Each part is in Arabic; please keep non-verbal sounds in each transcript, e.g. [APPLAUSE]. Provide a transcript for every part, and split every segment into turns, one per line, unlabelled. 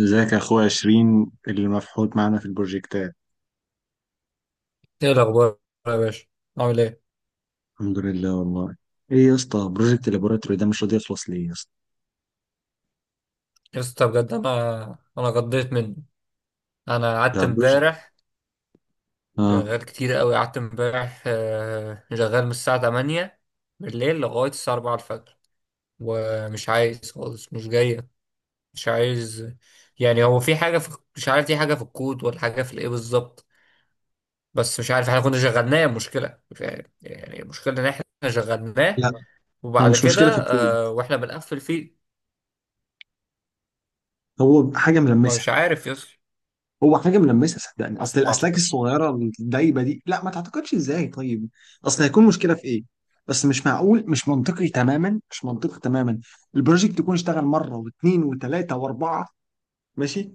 ازيك يا اخويا عشرين اللي مفحوط معانا في البروجكتات.
ايه الاخبار يا باشا؟ عامل ايه
الحمد لله والله. ايه يا اسطى، بروجكت اللابوراتوري ده مش راضي يخلص ليه يا اسطى؟
يا اسطى؟ بجد انا غضيت منه، انا قعدت
ده بروجكت.
امبارح
اه،
شغال كتير قوي، قعدت امبارح، شغال من الساعه 8 بالليل لغايه الساعه 4 الفجر، ومش عايز خالص، مش جايه، مش عايز. يعني هو في حاجه، مش عارف، في حاجه في الكود ولا حاجه في الايه بالظبط. بس مش عارف، احنا كنا شغلناه، المشكله يعني المشكله ان احنا شغلناه
لا، هو
وبعد
مش
كده،
مشكله في الكود،
واحنا بنقفل فيه.
هو حاجه
ما
ملمسه.
مش عارف يا اسطى،
هو حاجه ملمسه صدقني،
بس
اصل
ما
الاسلاك
اعتقدش.
الصغيره الدايبه دي. لا، ما تعتقدش ازاي؟ طيب اصل هيكون مشكله في ايه؟ بس مش معقول، مش منطقي تماما، مش منطقي تماما. البروجكت يكون اشتغل مره واثنين وثلاثه واربعه، ماشي،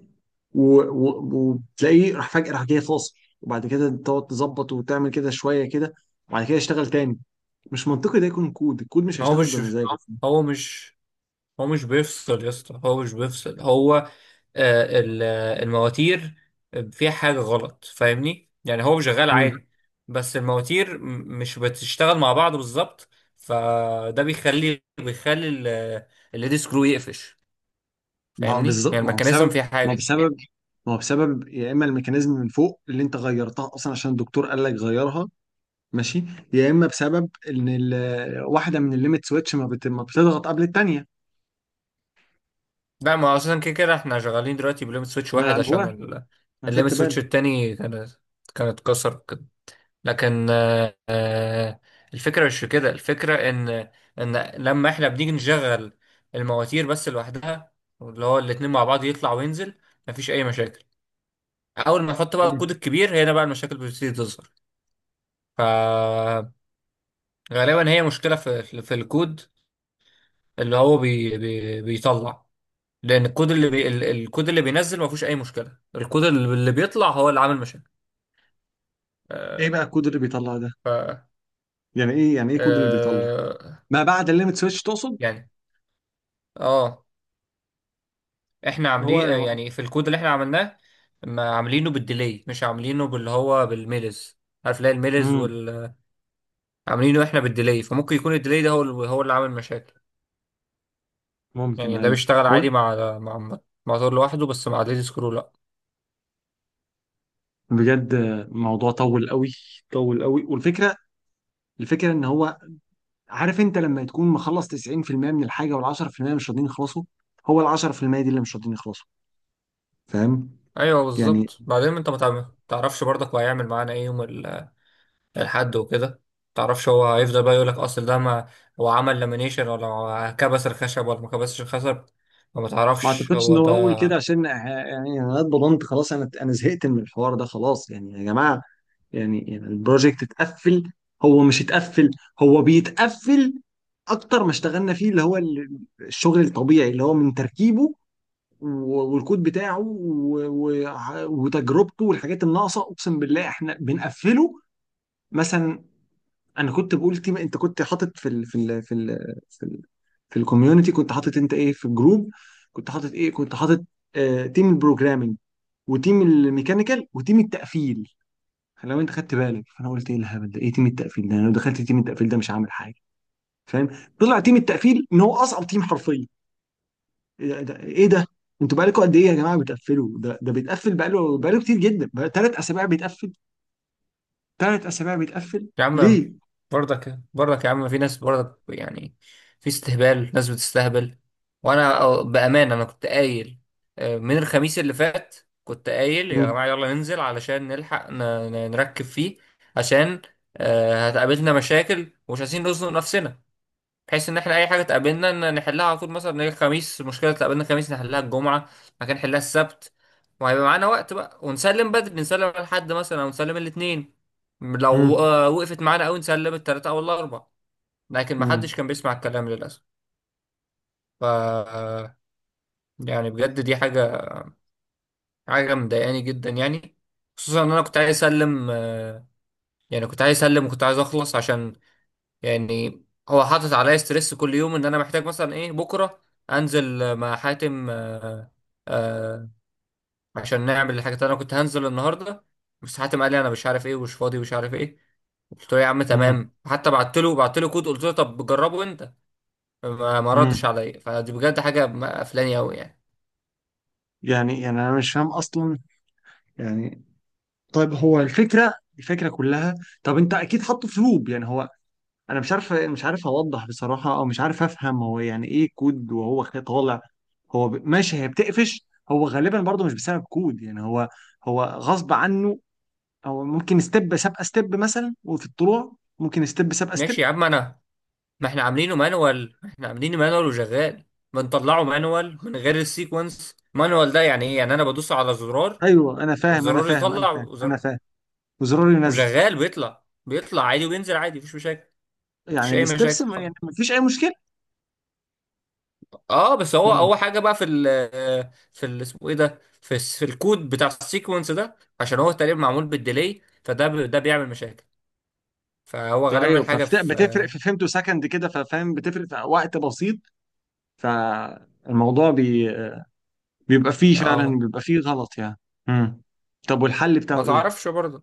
و- و- وتلاقيه راح فجأة، راح جاي فاصل، وبعد كده تقعد تظبط وتعمل كده شوية كده، وبعد كده يشتغل تاني. مش منطقي ده يكون كود، الكود مش
ما
هيشتغل بمزاجه.
هو مش هو مش بيفصل يا اسطى، هو مش بيفصل، هو المواتير فيها حاجة غلط، فاهمني؟ يعني هو شغال
مم.
عادي، بس المواتير مش بتشتغل مع بعض بالظبط، فده بيخلي الليد سكرو يقفش،
ما هو
فاهمني؟ يعني
بالظبط ما هو
الميكانيزم
بسبب
فيها
ما هو
حاجة.
بسبب ما هو بسبب يا اما الميكانيزم من فوق اللي انت غيرتها اصلا عشان الدكتور قال لك غيرها، ماشي، يا اما بسبب ان واحده من الليميت سويتش ما بتضغط قبل الثانيه.
لا، ما هو اصلا كده كده احنا شغالين دلوقتي بليمت سويتش
ما انا
واحد، عشان
جواها، انا
الليمت
خدت
سويتش
بالي.
التاني كانت اتكسر، لكن الفكرة مش في كده، الفكرة إن لما إحنا بنيجي نشغل المواتير بس لوحدها، اللي هو الاتنين مع بعض يطلع وينزل، مفيش أي مشاكل. أول ما نحط بقى
مم.
الكود الكبير هنا بقى المشاكل بتبتدي تظهر، فغالبا هي مشكلة في الكود، اللي هو بي بي بيطلع، لأن الكود الكود اللي بينزل مفيهوش أي مشكلة، الكود اللي بيطلع هو اللي عامل مشاكل
ايه
آه،
بقى الكود اللي بيطلع ده؟
ف
يعني ايه الكود اللي بيطلع؟
آه،
ما بعد الليمت سويتش تقصد؟
يعني اه احنا
هو
عاملين،
انا.
يعني، في الكود اللي احنا عملناه ما عاملينه بالديلي، مش عاملينه باللي هو بالميلز. عارف ليه الميلز
امم.
وال عاملينه احنا بالديلي، فممكن يكون الديلي ده هو اللي عامل مشاكل.
ممكن،
يعني ده
ايوه.
بيشتغل
هو
عادي مع مع موتور لوحده، بس مع ديلي سكرو لا.
بجد الموضوع طول قوي، طول قوي. والفكره ان هو، عارف انت لما تكون مخلص 90% من الحاجه، وال 10% مش راضيين يخلصوا، هو ال 10% دي اللي مش راضيين يخلصوا، فاهم؟
ايوه
يعني
بالظبط. بعدين انت ما تع- تعرفش برضك هو هيعمل معانا ايه يوم الحد وكده، ما تعرفش هو هيفضل بقى يقول لك اصل ده، ما هو عمل لامينيشن ولا كبس الخشب ولا ما كبسش الخشب، وما
ما
تعرفش
اعتقدش ان
هو.
هو اقول كده، عشان يعني انا اتبضنت خلاص، انا زهقت من الحوار ده خلاص يعني يا جماعه. يعني البروجكت اتقفل، هو مش اتقفل، هو بيتقفل. اكتر ما اشتغلنا فيه اللي هو الشغل الطبيعي اللي هو من تركيبه، و- والكود بتاعه و- و- وتجربته والحاجات الناقصه، اقسم بالله احنا بنقفله. مثلا انا كنت بقول تيم، انت كنت حاطط في ال في ال في ال في ال في الكوميونتي، كنت حاطط انت ايه في الجروب؟ كنت حاطط ايه كنت حاطط آه، تيم البروجرامينج وتيم الميكانيكال وتيم التقفيل. لو انت خدت بالك، فانا قلت ايه الهبل ده؟ ايه تيم التقفيل ده؟ انا لو دخلت تيم التقفيل ده مش هعمل حاجه، فاهم؟ طلع تيم التقفيل ان هو اصعب تيم حرفيا. ايه ده؟ ايه ده؟ انتوا بقالكم قد ايه يا جماعه بتقفلوا؟ ده ده بيتقفل بقاله، بقاله كتير جدا، بقى 3 اسابيع بيتقفل. 3 اسابيع بيتقفل
يا عم،
ليه؟
برضك برضك يا عم، في ناس برضك يعني، في استهبال، ناس بتستهبل. وانا بامانه انا كنت قايل من الخميس اللي فات، كنت قايل يا
مم.
جماعه يلا ننزل علشان نلحق نركب فيه، عشان هتقابلنا مشاكل ومش عايزين نزنق نفسنا، بحيث ان احنا اي حاجه تقابلنا ان نحلها على طول. مثلا نيجي الخميس، مشكله تقابلنا الخميس نحلها الجمعه، مكان نحلها السبت، وهيبقى معانا وقت بقى ونسلم بدري، نسلم على الحد مثلا او نسلم الاثنين. لو
مم.
وقفت معانا قوي نسلم الثلاثه او الاربعه، لكن ما
مم.
حدش كان بيسمع الكلام للاسف. ف يعني بجد دي حاجه، حاجه مضايقاني جدا يعني، خصوصا ان انا كنت عايز اسلم. يعني كنت عايز اسلم وكنت عايز اخلص، عشان يعني هو حاطط عليا ستريس كل يوم، ان انا محتاج مثلا ايه، بكره انزل مع حاتم آه عشان نعمل الحاجات اللي انا كنت هنزل النهارده، بس حاتم قال لي انا مش عارف ايه ومش فاضي ومش عارف ايه. قلت له يا عم
مم.
تمام، حتى بعت له كود، قلت له طب جربه انت، ما ردش
مم.
عليا، فدي بجد حاجه قفلاني قوي يعني.
يعني، يعني انا مش فاهم اصلا، يعني. طيب هو الفكره، الفكره كلها، طب انت اكيد حاطه في لوب، يعني هو، انا مش عارف اوضح بصراحه، او مش عارف افهم هو يعني ايه كود وهو طالع. ماشي، هي بتقفش. هو غالبا برضه مش بسبب كود، يعني هو، هو غصب عنه. هو ممكن ستيب سابقه ستيب مثلا، وفي الطلوع ممكن ستيب سابقه ستيب.
ماشي يا عم انا، ما احنا عاملينه مانوال، احنا عاملينه مانوال وشغال، بنطلعه مانوال من غير السيكونس. مانوال ده يعني ايه؟ يعني انا بدوس على زرار
ايوه انا فاهم انا
وزرار
فاهم انا
يطلع
فاهم انا فاهم. وزرار ينزل.
وشغال، بيطلع عادي وبينزل عادي، مفيش مشاكل، مفيش
يعني
اي
الستبس
مشاكل خالص.
يعني مفيش اي مشكله.
اه، بس هو
مم.
اول حاجه بقى في ال في ال اسمه ايه ده، في الكود بتاع السيكونس ده، عشان هو تقريبا معمول بالديلي، فده ده بيعمل مشاكل، فهو غالبا
ايوه،
حاجه في
فبتفرق في،
اه
فهمته سكند كده، ففاهم بتفرق في وقت بسيط. فالموضوع بي... بيبقى فيه فعلا،
آه،
بيبقى فيه غلط يعني. مم. طب والحل
ما
بتاعه ايه؟
تعرفش برضه.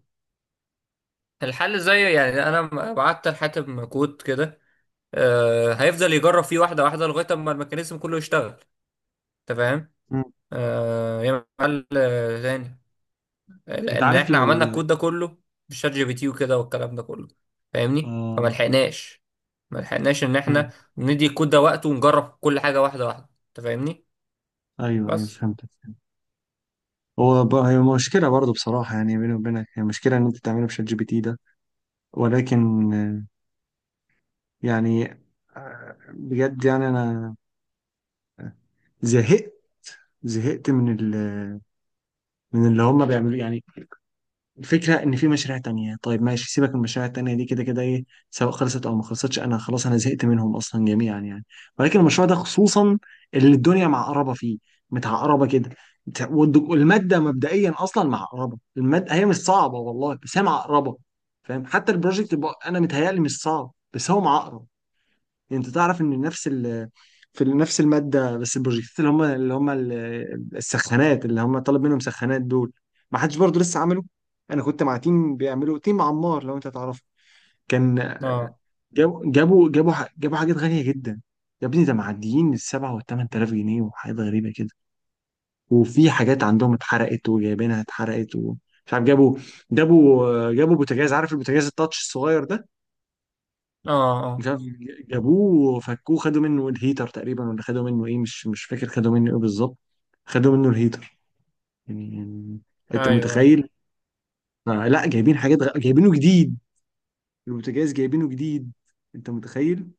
الحل زي يعني انا بعت لحاتم كود كده، آه هيفضل يجرب فيه واحده واحده لغايه اما الميكانيزم كله يشتغل، انت فاهم؟
مم.
آه يعمل حل تاني،
انت
لان
عارف،
احنا عملنا
لو.
الكود ده كله بالشات جي بي تي وكده والكلام ده كله، فاهمني؟ فما
اه.
لحقناش، ما لحقناش ان احنا ندي الكود ده وقته ونجرب كل حاجه واحده واحده، انت فاهمني؟
ايوه ايوه
بس
فهمتك، فهمت. هي مشكله برضه بصراحه، يعني بيني وبينك، هي مشكله ان انت تعمله بشات جي بي تي ده. ولكن يعني. بجد يعني انا زهقت، زهقت من ال، من اللي هم بيعملوا يعني. الفكرة إن في مشاريع تانية، طيب ماشي، سيبك من المشاريع التانية دي، كده كده إيه، سواء خلصت أو ما خلصتش، أنا خلاص، أنا زهقت منهم أصلا جميعا يعني. ولكن المشروع ده خصوصا، اللي الدنيا معقربة فيه، متعقربة كده، بت- والد- والمادة مبدئيا أصلا معقربة. المادة هي مش صعبة والله، بس هي معقربة، فاهم؟ حتى البروجكت بقى أنا متهيألي مش صعب، بس هو معقرب. يعني انت تعرف ان نفس في نفس الماده، بس البروجكتات اللي هم السخانات اللي هم طالب منهم سخانات دول، ما حدش برضه لسه عمله. انا كنت مع تيم بيعملوا، تيم عمار لو انت تعرفه، كان،
اه
جابوا حاجات غاليه جدا. يا ابني ده معديين ال7 وال8 آلاف جنيه، وحاجات غريبة كده، وفي حاجات عندهم اتحرقت، وجايبينها اتحرقت، ومش عارف. جابوا، جابوا بوتاجاز، عارف البوتاجاز التاتش الصغير ده؟
اه اه
مش عارف، جابوه فكوه، خدوا منه الهيتر تقريبا، ولا خدوا منه ايه، مش فاكر خدوا منه ايه بالظبط. خدوا منه الهيتر، يعني، يعني انت
ايوه، ايوه،
متخيل. آه لا، جايبينه جديد، البوتاجاز جايبينه جديد، انت متخيل.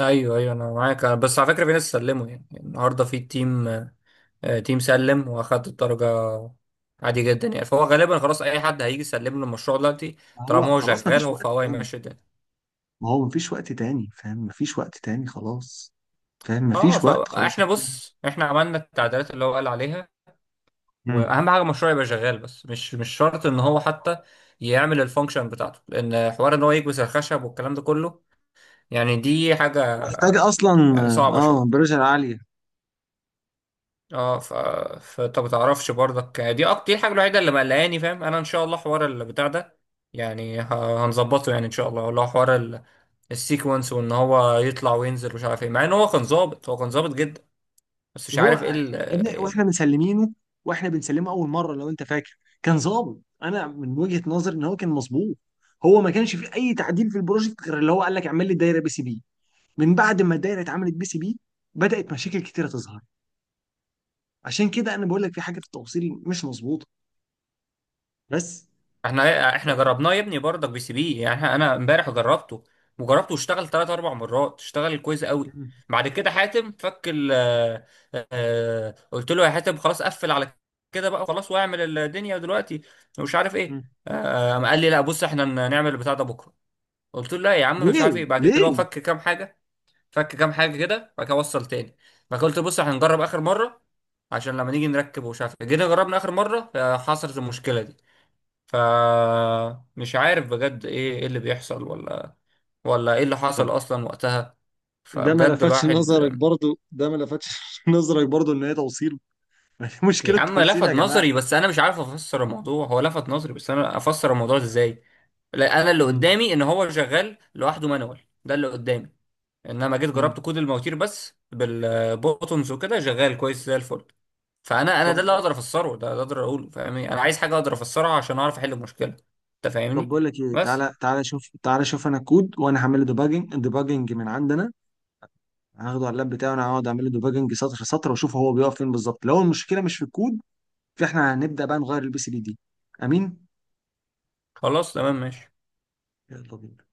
ايوه، ايوه انا معاك، بس على فكره، في ناس سلموا يعني النهارده، في تيم، تيم سلم واخد الدرجه عادي جدا يعني، فهو غالبا خلاص اي حد هيجي يسلم له المشروع دلوقتي،
ما هو
طالما هو
خلاص ما
شغال،
فيش
هو
وقت
فهو
تاني.
هيمشي الدنيا.
ما هو ما فيش وقت تاني، فاهم، ما فيش وقت تاني خلاص، فاهم، ما
اه،
فيش وقت خلاص.
فاحنا بص، احنا عملنا التعديلات اللي هو قال عليها،
مم.
واهم حاجه المشروع يبقى شغال، بس مش شرط ان هو حتى يعمل الفانكشن بتاعته، لان حوار ان هو يكبس الخشب والكلام ده كله، يعني دي حاجه
محتاج اصلا.
يعني صعبه
اه،
شويه.
برجر عالية.
اه ف... فانت ما تعرفش برضك، دي اكتر، دي الحاجه الوحيده اللي مقلقاني، فاهم؟ انا ان شاء الله حوار البتاع ده يعني هنظبطه يعني ان شاء الله، اللي هو حوار السيكونس، وان هو يطلع وينزل مش عارف ايه، مع ان هو كان ظابط، هو كان ظابط جدا، بس مش
هو،
عارف
يا ابني
ايه.
واحنا مسلمينه، واحنا بنسلمه اول مره لو انت فاكر، كان ظابط. انا من وجهه نظري ان هو كان مظبوط. هو ما كانش فيه اي تعديل في البروجكت غير اللي هو قال لك اعمل لي دايره بي سي بي. من بعد ما الدايره اتعملت بي سي بي، بدات مشاكل كتيره تظهر. عشان كده انا بقول لك في حاجه في التوصيل مش مظبوطه. بس.
احنا
ف...
احنا جربناه يا ابني برضك بي سي بي يعني، انا امبارح جربته، وجربته واشتغل ثلاث اربع مرات، اشتغل كويس قوي.
م-
بعد كده حاتم فك ال آه، آه، قلت له يا حاتم خلاص قفل على كده بقى خلاص، واعمل الدنيا دلوقتي ومش عارف
م.
ايه، قام قال لي لا، بص احنا نعمل البتاع ده بكره. قلت له لا يا عم، مش عارف
ليه؟
ايه، بعد كده هو
ليه؟
فك كام حاجه، كده، بعد كده وصل تاني، بعد كده قلت له بص احنا هنجرب اخر مره، عشان لما نيجي نركب ومش عارف إيه. جينا جربنا اخر مره، حصلت المشكله دي، فمش عارف بجد ايه، اللي بيحصل، ولا ايه اللي
طب.
حصل اصلا وقتها.
ده ما
فبجد
لفتش
الواحد،
نظرك برضو؟ ده ما لفتش [LAUGHS] نظرك برضو ان هي توصيل؟ [LAUGHS] مشكله
يا عم
توصيل يا
لفت
جماعه.
نظري، بس انا مش عارف افسر الموضوع، هو لفت نظري، بس انا افسر الموضوع ده ازاي؟ لا، انا اللي
م-
قدامي ان هو شغال لوحده مانوال، ده اللي قدامي، انما جيت
م.
جربت كود المواتير بس بالبوتونز وكده، شغال كويس زي الفل، فانا، ده
طب،
اللي اقدر افسره، ده اقدر اقوله، فاهمني؟ انا عايز حاجه اقدر افسرها عشان اعرف احل المشكله، انت
طب
فاهمني؟
بقول لك ايه،
بس
تعالى شوف، انا كود، وانا هعمل له ديباجنج، ديباجنج من عندنا، هاخده على اللاب بتاعي، وانا هقعد اعمل له ديباجنج سطر سطر، واشوف هو بيقف فين بالظبط. لو المشكله مش في الكود، فاحنا هنبدا بقى نغير البي سي بي دي. امين.
خلاص تمام ماشي.
يلا بينا.